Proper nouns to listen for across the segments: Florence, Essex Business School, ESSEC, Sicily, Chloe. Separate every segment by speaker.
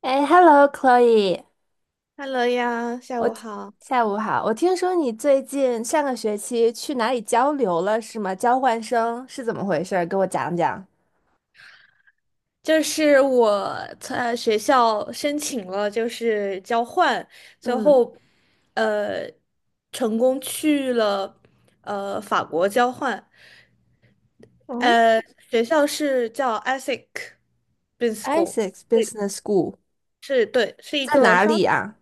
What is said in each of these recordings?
Speaker 1: 哎，Hello Chloe，
Speaker 2: h e 呀，下
Speaker 1: 我
Speaker 2: 午好。
Speaker 1: 下午好。我听说你最近上个学期去哪里交流了，是吗？交换生是怎么回事儿？给我讲讲。
Speaker 2: 就是我在学校申请了，就是交换，最
Speaker 1: 嗯。
Speaker 2: 后呃成功去了法国交换。
Speaker 1: 哦，
Speaker 2: 呃，学校是叫 ESSEC b u s i n e s
Speaker 1: i s s
Speaker 2: School，
Speaker 1: e x
Speaker 2: 对，
Speaker 1: Business School
Speaker 2: 是一
Speaker 1: 在
Speaker 2: 个
Speaker 1: 哪里
Speaker 2: 商。
Speaker 1: 啊？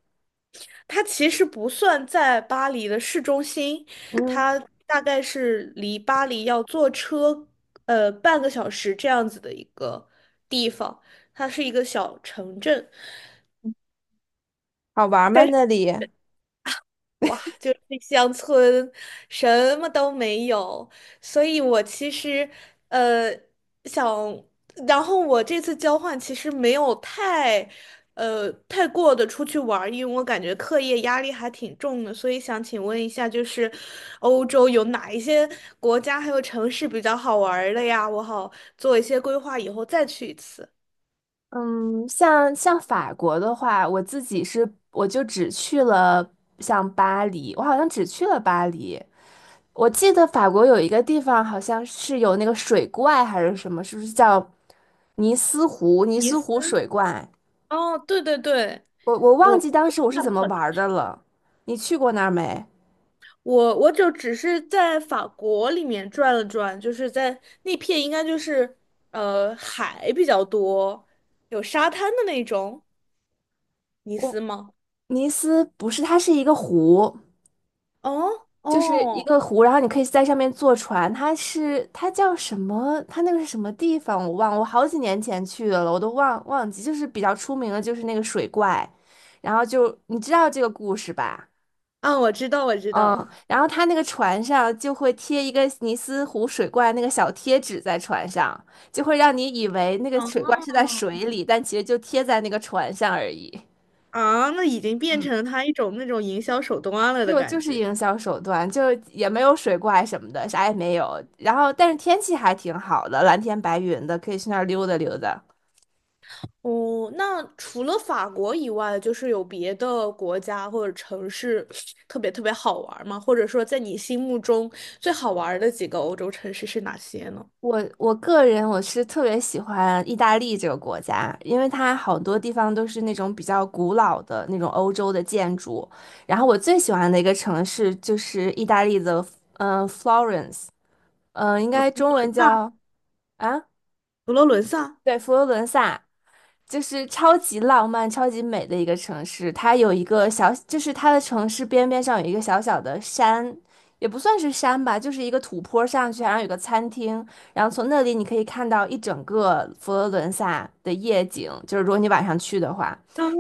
Speaker 2: 它其实不算在巴黎的市中心，
Speaker 1: 嗯，
Speaker 2: 它大概是离巴黎要坐车半个小时这样子的一个地方，它是一个小城镇。
Speaker 1: 好玩吗那里？
Speaker 2: 哇，就是乡村，什么都没有，所以我其实呃想，然后我这次交换其实没有太过的出去玩儿因为我感觉课业压力还挺重的，所以想请问一下，就是欧洲有哪一些国家还有城市比较好玩儿的呀？我好做一些规划，以后再去一次。
Speaker 1: 嗯，像法国的话，我自己是我就只去了像巴黎，我好像只去了巴黎。我记得法国有一个地方好像是有那个水怪还是什么，是不是叫尼斯湖？尼
Speaker 2: 尼
Speaker 1: 斯
Speaker 2: 斯。
Speaker 1: 湖水怪，
Speaker 2: 哦，对对对，
Speaker 1: 我忘
Speaker 2: 我。
Speaker 1: 记当时我是怎么玩儿的了。你去过那儿没？
Speaker 2: 我就只是在法国里面转了转，就是在那片应该就是海比较多，有沙滩的那种，尼斯
Speaker 1: 我
Speaker 2: 吗？
Speaker 1: 尼斯不是，它是一个湖。
Speaker 2: 哦
Speaker 1: 就是一
Speaker 2: 哦，
Speaker 1: 个湖，然后你可以在上面坐船。它是它叫什么？它那个是什么地方？我忘了我好几年前去的了，我都忘记。就是比较出名的，就是那个水怪，然后就你知道这个故事吧？
Speaker 2: 啊，我知道我知
Speaker 1: 嗯，
Speaker 2: 道，
Speaker 1: 然后它那个船上就会贴一个尼斯湖水怪那个小贴纸在船上，就会让你以为那个水怪是在水里，但其实就贴在那个船上而已。
Speaker 2: 啊，那已经变成了它一种那种营销手段了的
Speaker 1: 就就
Speaker 2: 感
Speaker 1: 是
Speaker 2: 觉。
Speaker 1: 营销手段，就也没有水怪什么的，啥也没有。然后，但是天气还挺好的，蓝天白云的，可以去那儿溜达溜达。
Speaker 2: 哦，那除了法国以外，就是有别的国家或者城市特别特别好玩吗？或者说，在你心目中最好玩的几个欧洲城市是哪些呢？
Speaker 1: 我个人是特别喜欢意大利这个国家，因为它好多地方都是那种比较古老的那种欧洲的建筑。然后我最喜欢的一个城市就是意大利的，f l o r e n c e， 应该中文叫啊。
Speaker 2: 佛罗伦萨，
Speaker 1: 对，佛罗伦萨就是超级浪漫、超级美的一个城市。它有一个小，就是它的城市边边上有一个小小的山，也不算是山吧，就是一个土坡上去，然后有个餐厅，然后从那里你可以看到一整个佛罗伦萨的夜景。就是如果你晚上去的话，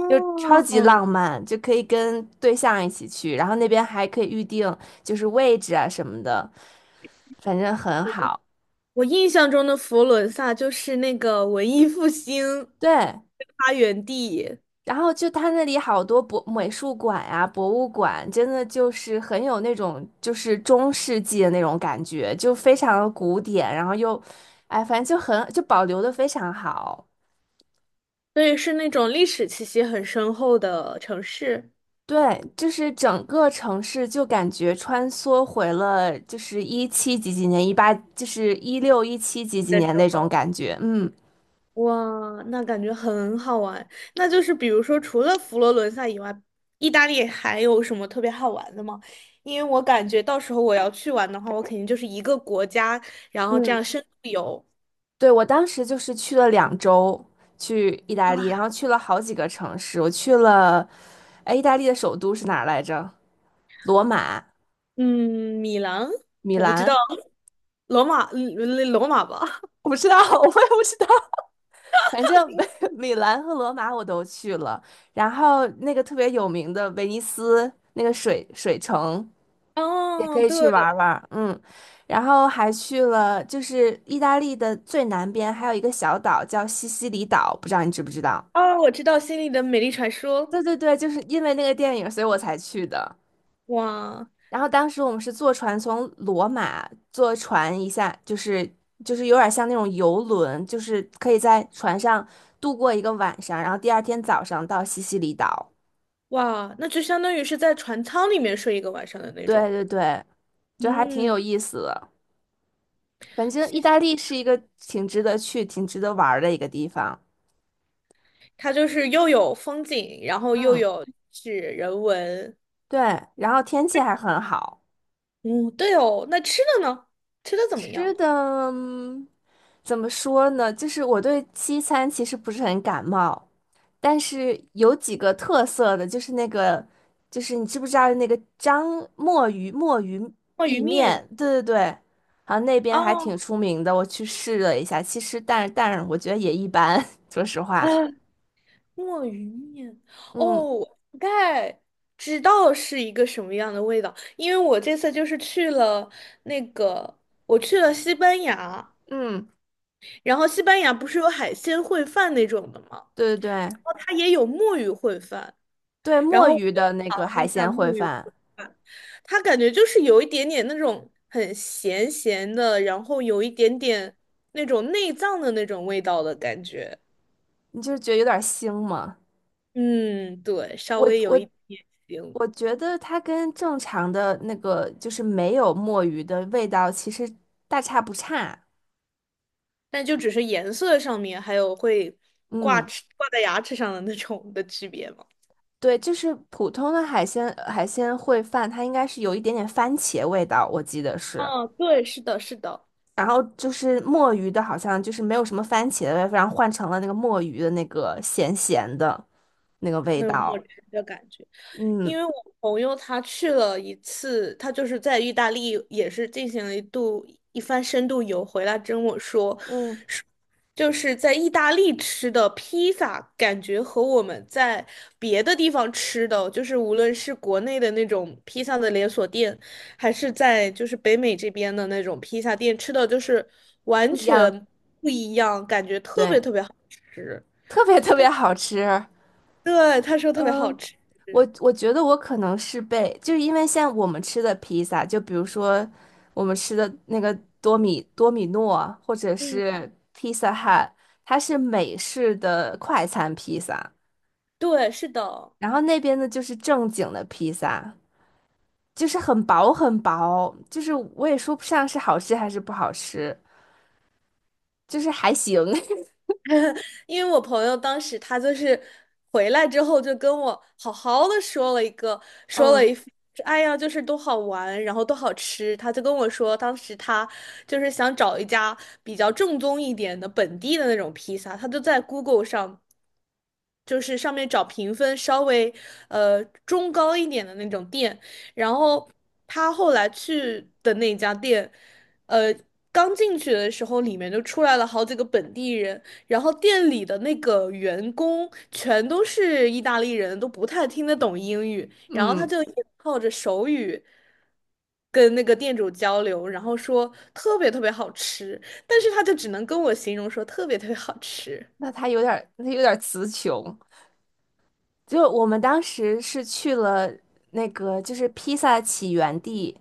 Speaker 1: 就超级
Speaker 2: 哦，
Speaker 1: 浪漫，就可以跟对象一起去，然后那边还可以预定就是位置啊什么的，反正很好。
Speaker 2: 我印象中的佛罗伦萨就是那个文艺复兴
Speaker 1: 对。
Speaker 2: 发源地，
Speaker 1: 然后就他那里好多博美术馆呀、博物馆，真的就是很有那种就是中世纪的那种感觉，就非常的古典，然后又，哎，反正就保留的非常好。
Speaker 2: 所以是那种历史气息很深厚的城市。
Speaker 1: 对，就是整个城市就感觉穿梭回了就是一七几几年、一八就是一六一七几几
Speaker 2: 的时
Speaker 1: 年那种
Speaker 2: 候，
Speaker 1: 感觉，嗯
Speaker 2: 哇，那感觉很好玩。那就是比如说，除了佛罗伦萨以外，意大利还有什么特别好玩的吗？因为我感觉到时候我要去玩的话，我肯定就是一个国家，然后这样
Speaker 1: 嗯。
Speaker 2: 深度游。
Speaker 1: 对，我当时就是去了两周，去意大利，然
Speaker 2: 哇。
Speaker 1: 后去了好几个城市。我去了，哎，意大利的首都是哪儿来着？罗马、
Speaker 2: 嗯，米兰，
Speaker 1: 米
Speaker 2: 我不知道，
Speaker 1: 兰，
Speaker 2: 罗马，罗马吧？
Speaker 1: 我不知道，我也不知道。反正 米兰和罗马我都去了，然后那个特别有名的威尼斯那个水城也可
Speaker 2: 哦，
Speaker 1: 以去
Speaker 2: 对，
Speaker 1: 玩儿嗯，然后还去了就是意大利的最南边还有一个小岛叫西西里岛，不知道你知不知道？
Speaker 2: 哦，我知道《心里的美丽传说》。
Speaker 1: 对对对，就是因为那个电影，所以我才去的。
Speaker 2: 哇
Speaker 1: 然后当时我们是坐船从罗马坐船一下，就是有点像那种游轮，就是可以在船上度过一个晚上，然后第二天早上到西西里岛。
Speaker 2: 哇，那就相当于是在船舱里面睡一个晚上的那
Speaker 1: 对
Speaker 2: 种。
Speaker 1: 对对，就还挺
Speaker 2: 嗯，
Speaker 1: 有意思的。反正意
Speaker 2: 谢
Speaker 1: 大
Speaker 2: 谢。
Speaker 1: 利是一个挺值得去、挺值得玩儿的一个地方。
Speaker 2: 它就是又有风景，然后
Speaker 1: 嗯，
Speaker 2: 是人文。
Speaker 1: 对，然后天气还很好。
Speaker 2: 嗯，对哦。那吃的呢？吃的怎么样
Speaker 1: 吃
Speaker 2: 呢？
Speaker 1: 的，怎么说呢？就是我对西餐其实不是很感冒，但是有几个特色的，就是那个，就是你知不知道那个章墨鱼墨鱼
Speaker 2: 哦，鱼
Speaker 1: 意
Speaker 2: 面。
Speaker 1: 面？对对对，好像那边还挺
Speaker 2: 哦，
Speaker 1: 出名的，我去试了一下，其实但是我觉得也一般，说实话。
Speaker 2: 啊墨鱼面，哦，
Speaker 1: 嗯
Speaker 2: 我大概知道是一个什么样的味道，因为我这次就是去了那个，我去了西班牙，
Speaker 1: 嗯，
Speaker 2: 然后西班牙不是有海鲜烩饭那种的吗？
Speaker 1: 对对对
Speaker 2: 然后它也有墨鱼烩饭，
Speaker 1: 对，
Speaker 2: 然
Speaker 1: 墨
Speaker 2: 后我
Speaker 1: 鱼
Speaker 2: 就
Speaker 1: 的那
Speaker 2: 尝
Speaker 1: 个
Speaker 2: 了
Speaker 1: 海
Speaker 2: 一下
Speaker 1: 鲜
Speaker 2: 墨
Speaker 1: 烩
Speaker 2: 鱼烩
Speaker 1: 饭，
Speaker 2: 饭，它感觉就是有一点点那种很咸咸的，然后有一点点那种内脏的那种味道的感觉。
Speaker 1: 你就是觉得有点腥嘛，
Speaker 2: 嗯，对，稍
Speaker 1: 我
Speaker 2: 微有一
Speaker 1: 我
Speaker 2: 点腥。
Speaker 1: 我觉得它跟正常的那个就是没有墨鱼的味道，其实大差不差。
Speaker 2: 但就只是颜色上面，还有会
Speaker 1: 嗯。
Speaker 2: 挂在牙齿上的那种的区别嘛。
Speaker 1: 对，就是普通的海鲜烩饭，它应该是有一点点番茄味道，我记得是。
Speaker 2: 哦，对，是的，是的，
Speaker 1: 然后就是墨鱼的，好像就是没有什么番茄的味道，然后换成了那个墨鱼的那个咸咸的那个味
Speaker 2: 那种墨
Speaker 1: 道。
Speaker 2: 汁的感觉。
Speaker 1: 嗯
Speaker 2: 因为我朋友他去了一次，他就是在意大利也是进行了一番深度游，回来跟我说，
Speaker 1: 嗯，
Speaker 2: 就是在意大利吃的披萨，感觉和我们在别的地方吃的，就是无论是国内的那种披萨的连锁店，还是在就是北美这边的那种披萨店吃的，就是完
Speaker 1: 不一样，
Speaker 2: 全不一样，感觉特别
Speaker 1: 对，
Speaker 2: 特别好吃。
Speaker 1: 特别特别好吃。
Speaker 2: 对，他说特别好
Speaker 1: 嗯、
Speaker 2: 吃。
Speaker 1: 我觉得我可能是被，就是因为像我们吃的披萨，就比如说我们吃的那个多米诺，或者
Speaker 2: 嗯，
Speaker 1: 是披萨汉，它是美式的快餐披萨，
Speaker 2: 对，是的。
Speaker 1: 然后那边的就是正经的披萨，就是很薄很薄，就是我也说不上是好吃还是不好吃，就是还行。
Speaker 2: 因为我朋友当时他就是回来之后就跟我好好的说了一个，说了
Speaker 1: 嗯
Speaker 2: 一，哎呀，就是多好玩，然后多好吃。他就跟我说，当时他就是想找一家比较正宗一点的本地的那种披萨，他就在 Google 上，就是上面找评分稍微中高一点的那种店，然后他后来去的那家店，呃，刚进去的时候里面就出来了好几个本地人。然后店里的那个员工全都是意大利人，都不太听得懂英语，然后他
Speaker 1: 嗯，
Speaker 2: 就也靠着手语跟那个店主交流，然后说特别特别好吃，但是他就只能跟我形容说特别特别好吃。
Speaker 1: 那它有点儿，他有点儿词穷。就我们当时是去了那个，就是披萨起源地。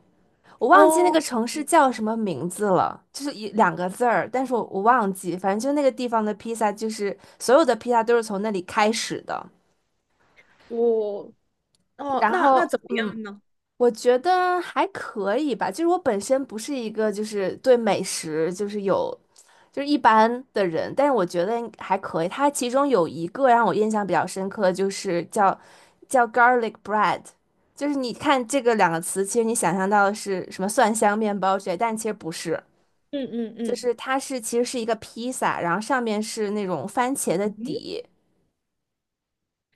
Speaker 1: 我忘记那
Speaker 2: 哦，
Speaker 1: 个城市叫什么名字了，就是一两个字儿，但是我忘记，反正就那个地方的披萨，就是所有的披萨都是从那里开始的。
Speaker 2: 我哦，
Speaker 1: 然
Speaker 2: 那
Speaker 1: 后，
Speaker 2: 怎么
Speaker 1: 嗯，
Speaker 2: 样呢？
Speaker 1: 我觉得还可以吧，就是我本身不是一个就是对美食就是有就是一般的人，但是我觉得还可以。它其中有一个让我印象比较深刻，就是叫 garlic bread。就是你看这个两个词，其实你想象到的是什么蒜香面包之类，但其实不是。
Speaker 2: 嗯嗯
Speaker 1: 就
Speaker 2: 嗯，
Speaker 1: 是它是其实是一个披萨，然后上面是那种番茄的底，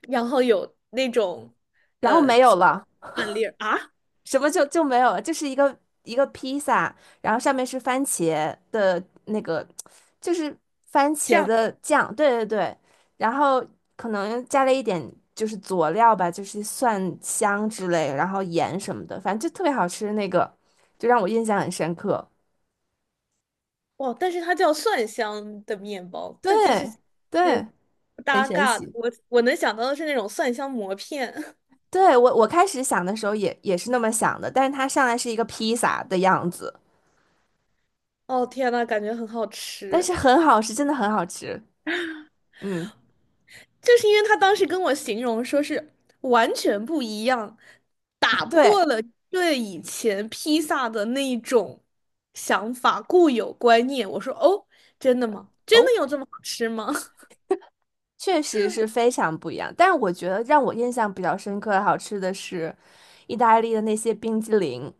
Speaker 2: 然后有那种
Speaker 1: 然后
Speaker 2: 呃
Speaker 1: 没有了，
Speaker 2: 饭粒儿啊。
Speaker 1: 什么就就没有了，就是一个披萨，然后上面是番茄的那个，就是番
Speaker 2: 这
Speaker 1: 茄
Speaker 2: 样
Speaker 1: 的酱，对对对，然后可能加了一点就是佐料吧，就是蒜香之类，然后盐什么的，反正就特别好吃，那个就让我印象很深刻，
Speaker 2: 哇，但是它叫蒜香的面包，但这是
Speaker 1: 对对，
Speaker 2: 是不
Speaker 1: 很
Speaker 2: 搭
Speaker 1: 神
Speaker 2: 嘎的。
Speaker 1: 奇。
Speaker 2: 我能想到的是那种蒜香馍片。
Speaker 1: 对，我开始想的时候也是那么想的，但是它上来是一个披萨的样子，
Speaker 2: 哦天呐，感觉很好
Speaker 1: 但
Speaker 2: 吃。
Speaker 1: 是很好吃，真的很好吃。嗯，
Speaker 2: 就是因为他当时跟我形容说是完全不一样，打
Speaker 1: 对，
Speaker 2: 破了对以前披萨的那一种固有观念。我说哦，真的吗？真
Speaker 1: 哦，
Speaker 2: 的有这么好吃吗？
Speaker 1: 确实是非常不一样。但是我觉得让我印象比较深刻、好吃的是意大利的那些冰激凌，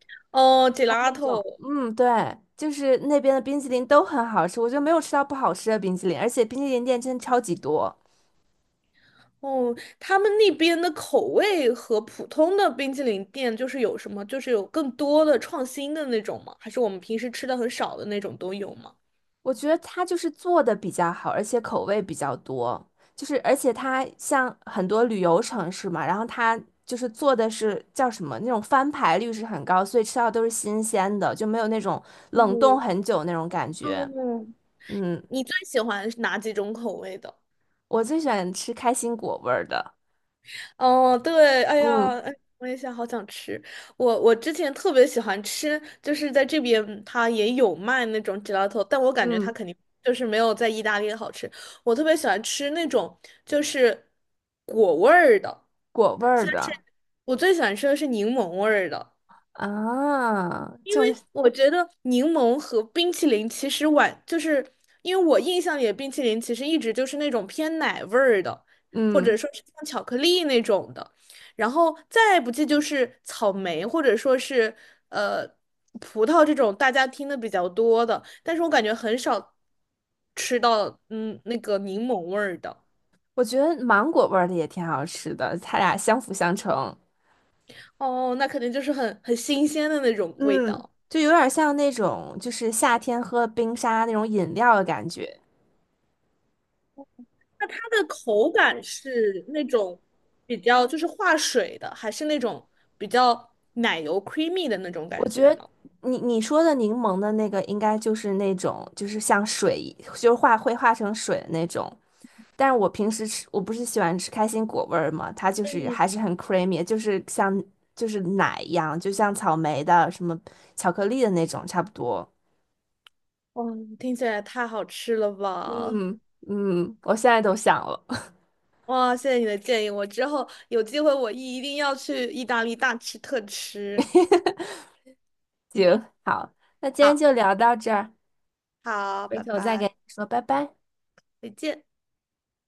Speaker 2: 哦
Speaker 1: 那种，
Speaker 2: ，gelato。
Speaker 1: 嗯，对，就是那边的冰激凌都很好吃，我就没有吃到不好吃的冰激凌，而且冰激凌店真的超级多。
Speaker 2: 哦，他们那边的口味和普通的冰淇淋店就是有什么，就是有更多的创新的那种吗？还是我们平时吃的很少的那种都有吗？
Speaker 1: 我觉得它就是做的比较好，而且口味比较多，就是而且它像很多旅游城市嘛，然后它就是做的是叫什么那种翻牌率是很高，所以吃到都是新鲜的，就没有那种冷冻
Speaker 2: 嗯，
Speaker 1: 很久那种感觉。
Speaker 2: 嗯，
Speaker 1: 嗯，
Speaker 2: 你最喜欢是哪几种口味的？
Speaker 1: 我最喜欢吃开心果味儿的，
Speaker 2: 哦，对，哎
Speaker 1: 嗯
Speaker 2: 呀，哎，我也想，好想吃。我之前特别喜欢吃，就是在这边它也有卖那种 gelato，但我感觉它
Speaker 1: 嗯，
Speaker 2: 肯定就是没有在意大利好吃。我特别喜欢吃那种就是果味儿的。
Speaker 1: 果味儿的
Speaker 2: 我最喜欢吃的是柠檬味儿的。
Speaker 1: 啊，就是
Speaker 2: 我觉得柠檬和冰淇淋其实晚，就是因为我印象里的冰淇淋其实一直就是那种偏奶味儿的，或者
Speaker 1: 嗯，
Speaker 2: 说是像巧克力那种的，然后再不济就是草莓或者说是呃葡萄这种大家听的比较多的，但是我感觉很少吃到那个柠檬味儿的。
Speaker 1: 我觉得芒果味儿的也挺好吃的，它俩相辅相成。
Speaker 2: 哦，那肯定就是很新鲜的那种味
Speaker 1: 嗯，
Speaker 2: 道。
Speaker 1: 就有点像那种就是夏天喝冰沙那种饮料的感觉。
Speaker 2: 那它的口感是那种比较就是化水的，还是那种比较奶油 creamy 的那种
Speaker 1: 我
Speaker 2: 感
Speaker 1: 觉
Speaker 2: 觉
Speaker 1: 得
Speaker 2: 呢？
Speaker 1: 你说的柠檬的那个应该就是那种就是像水一就是化成水的那种。但是我平时吃我不是喜欢吃开心果味儿嘛，它就是
Speaker 2: 嗯，
Speaker 1: 还是很 creamy,就是就是奶一样，就像草莓的什么巧克力的那种差不多。
Speaker 2: 哇，听起来太好吃了吧！
Speaker 1: 嗯嗯，我现在都想了。
Speaker 2: 哇，谢谢你的建议，我之后有机会我一定要去意大利大吃特吃。
Speaker 1: 行，好，那今天
Speaker 2: 好，
Speaker 1: 就聊到这儿。
Speaker 2: 好，
Speaker 1: 回
Speaker 2: 拜
Speaker 1: 头再跟
Speaker 2: 拜，
Speaker 1: 你说拜拜。
Speaker 2: 再见。